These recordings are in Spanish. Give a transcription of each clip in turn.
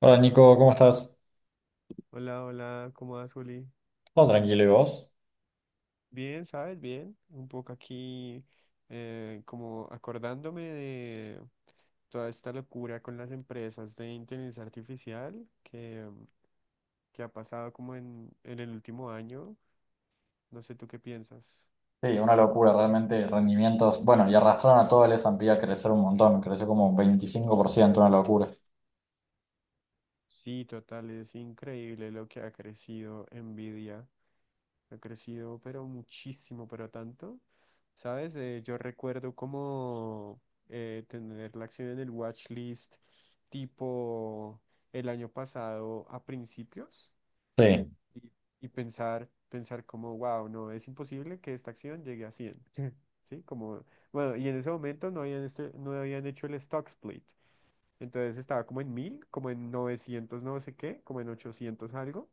Hola Nico, ¿cómo estás? Hola, hola, ¿cómo vas, Juli? Todo tranquilo, ¿y vos? Bien, ¿sabes? Bien. Un poco aquí como acordándome de toda esta locura con las empresas de inteligencia artificial que ha pasado como en el último año. No sé tú qué piensas. Sí, una locura, realmente rendimientos. Bueno, y arrastraron a todo el S&P a crecer un montón, creció como un 25%, una locura. Sí, total, es increíble lo que ha crecido Nvidia. Ha crecido, pero muchísimo, pero tanto. ¿Sabes? Yo recuerdo como tener la acción en el watch list tipo el año pasado a principios Sí. y, y pensar como, wow, no, es imposible que esta acción llegue a 100, ¿Sí? Como, bueno, y en ese momento no habían hecho el stock split. Entonces estaba como en 1000, como en 900, no sé qué, como en 800 algo.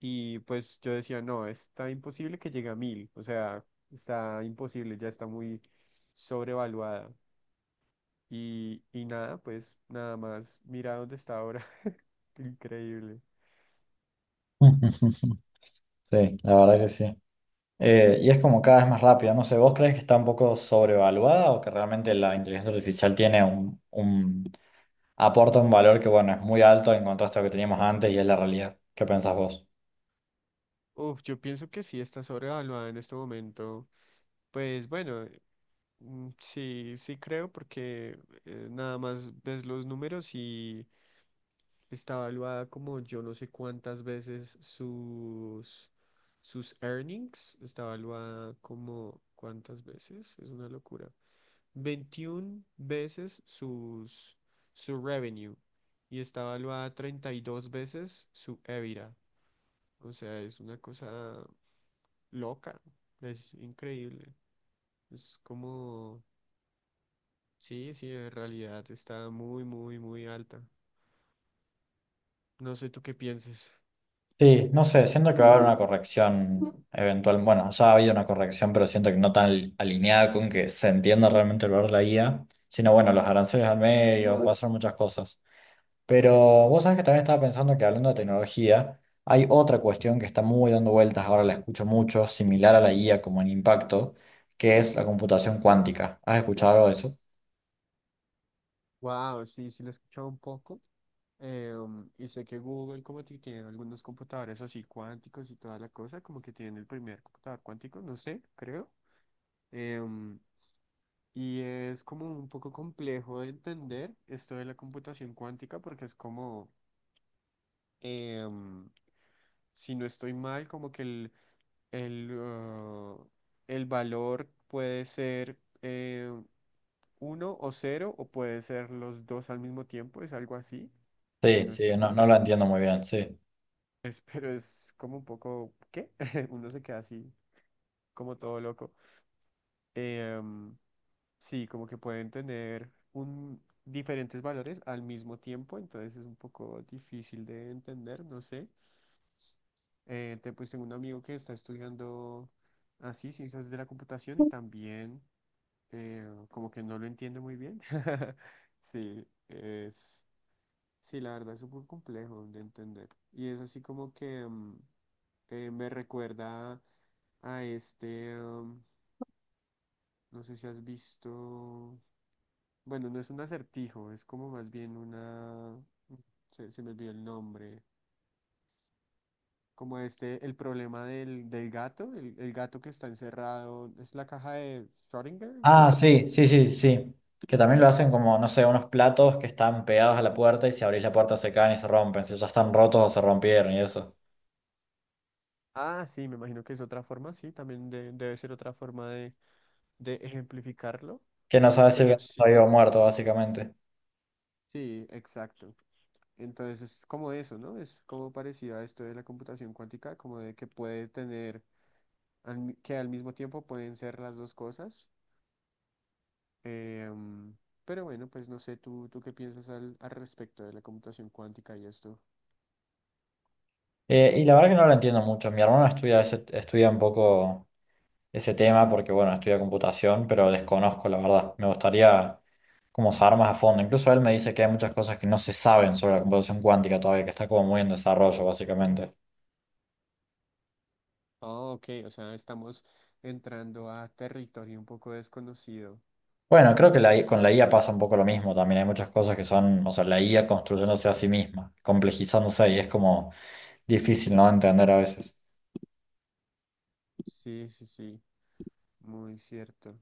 Y pues yo decía, no, está imposible que llegue a 1000, o sea, está imposible, ya está muy sobrevaluada. Y nada, pues nada más, mira dónde está ahora, increíble. Sí, la verdad que sí. Y es como cada vez más rápido, no sé, ¿vos crees que está un poco sobrevaluada o que realmente la inteligencia artificial tiene un aporta un valor que, bueno, es muy alto en contraste a lo que teníamos antes y es la realidad? ¿Qué pensás vos? Uf, yo pienso que sí está sobrevaluada en este momento. Pues bueno. Mm. Sí, sí creo porque nada más ves los números y está evaluada como yo no sé cuántas veces sus earnings, está evaluada como cuántas veces, es una locura. 21 veces su revenue y está evaluada 32 veces su EBITDA. O sea, es una cosa loca, es increíble. Es como. Sí, sí, en realidad está muy, muy, muy alta. No sé tú qué pienses. Sí, no sé, siento que va a haber una corrección eventual. Bueno, ya ha habido una corrección, pero siento que no tan alineada con que se entienda realmente el valor de la IA, sino bueno, los aranceles al medio, va a ser muchas cosas. Pero vos sabés que también estaba pensando que, hablando de tecnología, hay otra cuestión que está muy dando vueltas, ahora la escucho mucho, similar a la IA como en impacto, que es la computación cuántica. ¿Has escuchado algo de eso? Wow, sí, sí lo he escuchado un poco. Y sé que Google como que tiene algunos computadores así cuánticos y toda la cosa, como que tiene el primer computador cuántico, no sé, creo. Eh, um, y es como un poco complejo de entender esto de la computación cuántica porque es como, eh, um, si no estoy mal, como que el, uh, el valor puede ser eh, uno o cero, o puede ser los dos al mismo tiempo, es algo así, si Sí, no sí, estoy no, mal. no lo entiendo muy bien, sí. Pero es como un poco, ¿qué? Uno se queda así, como todo loco. Em, sí, como que pueden tener diferentes valores al mismo tiempo, entonces es un poco difícil de entender, no sé. Pues tengo un amigo que está estudiando así, ciencias de la computación, y también como que no lo entiende muy bien. Sí. Sí, la verdad es súper complejo de entender. Y es así como que me recuerda a este, no sé si has visto, bueno, no es un acertijo, es como más bien se me olvidó el nombre, como este, el problema del gato, el gato que está encerrado, es la caja de Schrödinger, Ah, creo que sí. sí, sí, sí, sí. Que también lo hacen como, no sé, unos platos que están pegados a la puerta y si abrís la puerta se caen y se rompen. Si ya están rotos o se rompieron y eso. Ah, sí, me imagino que es otra forma, sí, también debe ser otra forma de ejemplificarlo, Que no sabes si el pero gato está sí. vivo o muerto, básicamente. Sí, exacto. Entonces es como eso, ¿no? Es como parecido a esto de la computación cuántica, como de que puede tener, que al mismo tiempo pueden ser las dos cosas. Em, pero bueno, pues no sé, ¿tú qué piensas al respecto de la computación cuántica y esto? Y la verdad que no lo entiendo mucho. Mi hermano estudia, estudia un poco ese tema porque, bueno, estudia computación, pero desconozco, la verdad. Me gustaría como saber más a fondo. Incluso él me dice que hay muchas cosas que no se saben sobre la computación cuántica todavía, que está como muy en desarrollo, básicamente. Oh, ok, o sea, estamos entrando a territorio un poco desconocido. Bueno, creo que la con la IA pasa un poco lo mismo también. Hay muchas cosas que son, o sea, la IA construyéndose a sí misma, complejizándose y es como difícil, ¿no? Entender a veces. Sí, sí, sí, muy cierto.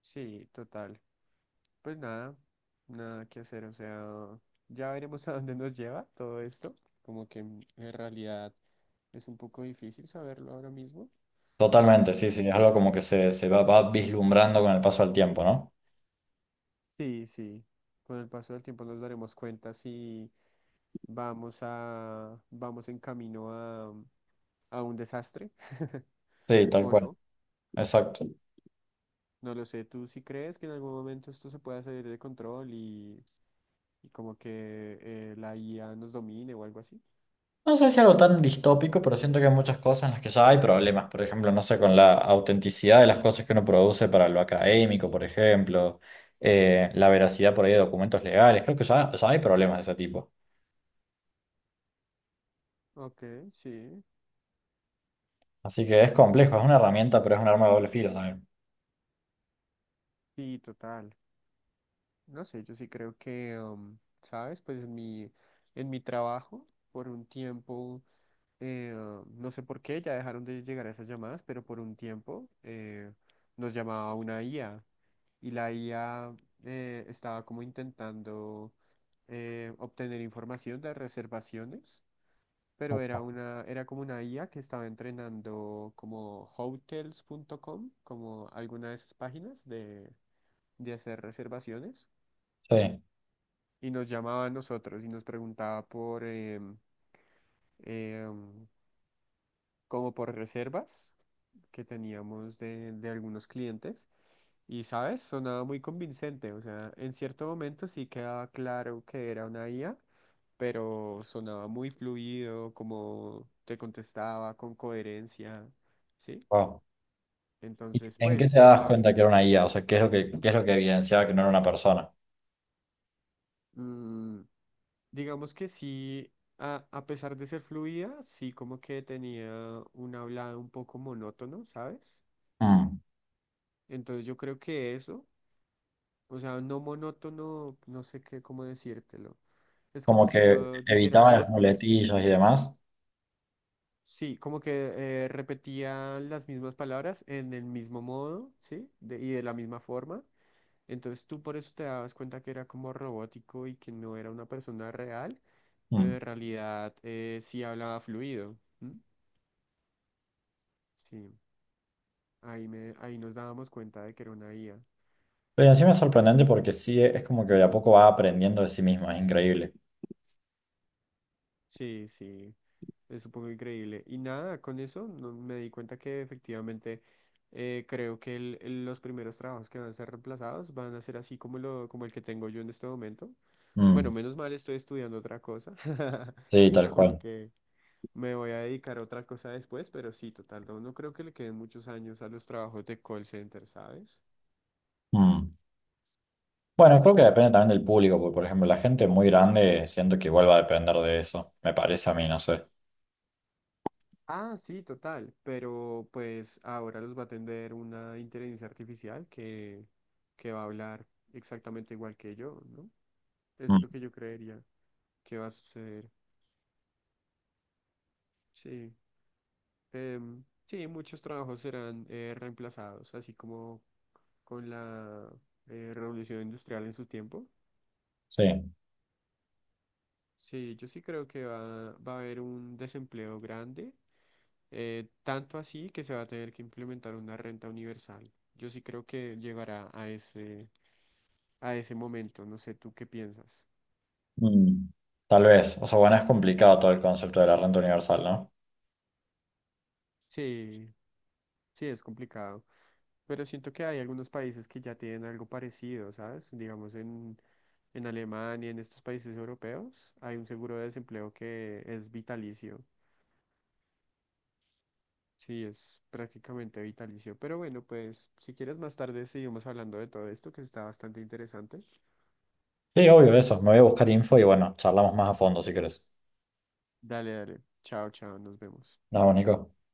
Sí, total. Pues nada, nada que hacer, o sea, ya veremos a dónde nos lleva todo esto, como que en realidad es un poco difícil saberlo ahora mismo. Totalmente, sí, sí, Pero- es algo como que se va, va vislumbrando con el paso del tiempo, ¿no? Sí, sí, con el paso del tiempo nos daremos cuenta si vamos en camino a un desastre Sí, tal o cual, no, exacto. no lo sé. ¿Tú sí crees que en algún momento esto se pueda salir de control y como que la IA nos domine o algo así? No sé si algo tan distópico, pero siento que hay muchas cosas en las que ya hay problemas. Por ejemplo, no sé, con la autenticidad de las cosas que uno produce para lo académico, por ejemplo, la veracidad por ahí de documentos legales. Creo que ya, ya hay problemas de ese tipo. Ok, sí. Así que es complejo, es Sí, una herramienta, pero es un arma de doble filo también. Sí, total. No sé, yo sí creo que, ¿sabes? Pues en mi trabajo, por un tiempo, no sé por qué, ya dejaron de llegar esas llamadas, pero por un tiempo nos llamaba una IA y la IA estaba como intentando obtener información de reservaciones, pero era Ojo. Era como una IA que estaba entrenando como hotels.com, como alguna de esas páginas de hacer reservaciones. Sí, Y nos llamaba a nosotros y nos preguntaba por em, como por reservas que teníamos de algunos clientes y sabes, sonaba muy convincente, o sea, en cierto momento sí quedaba claro que era una IA, pero sonaba muy fluido, como te contestaba con coherencia, ¿sí? wow. ¿Y Entonces, en qué te pues, das wow. cuenta que era una IA? O sea, ¿qué es lo que, qué es lo que evidenciaba que no era una persona? Digamos que sí, a pesar de ser fluida, sí como que tenía un hablado un poco monótono, ¿sabes? Mm. Entonces yo creo que eso, o sea, no monótono, no sé qué, cómo decírtelo. Es Como como si que yo dijera evitaba las las cosas, muletillas y demás. sí, como que repetía las mismas palabras en el mismo modo, ¿sí? Y de la misma forma. Entonces tú por eso te dabas cuenta que era como robótico y que no era una persona real, Mm. pero en realidad sí hablaba fluido. ¿M? Sí, ahí nos dábamos cuenta de que era una IA. Pero encima es sorprendente porque sí, es como que de a poco va aprendiendo de sí misma, es increíble. Sí, sí, es un poco increíble. Y nada, con eso me di cuenta que efectivamente creo que los primeros trabajos que van a ser reemplazados van a ser así como el que tengo yo en este momento. Mm. Bueno, menos mal estoy estudiando otra cosa Sí, y tal como cual. que me voy a dedicar a otra cosa después, pero sí, total, no, no creo que le queden muchos años a los trabajos de call center, ¿sabes? Mm. Bueno, creo que depende también del público, porque por ejemplo, la gente muy grande siento que igual va a depender de eso, me parece a mí, no sé. Ah, sí, total, pero pues ahora los va a atender una inteligencia artificial que va a hablar exactamente igual que yo, ¿no? Eso es Mm. lo que yo creería que va a suceder. Sí, sí, muchos trabajos serán reemplazados, así como con la revolución industrial en su tiempo. Sí. Sí, yo sí creo que va a haber un desempleo grande, tanto así que se va a tener que implementar una renta universal. Yo sí creo que llegará a ese, momento, no sé tú qué piensas. Mm, tal vez. O sea, bueno, es complicado todo el concepto de la renta universal, ¿no? Sí, sí, es complicado, pero siento que hay algunos países que ya tienen algo parecido, ¿sabes? Digamos en Alemania, en estos países europeos, hay un seguro de desempleo que es vitalicio. Sí, es prácticamente vitalicio. Pero bueno, pues si quieres más tarde seguimos hablando de todo esto que está bastante interesante. Sí, obvio, eso. Me voy a buscar info y bueno, charlamos más a fondo si querés. Dale, dale. Chao, chao, nos vemos. Nos vemos, Nico.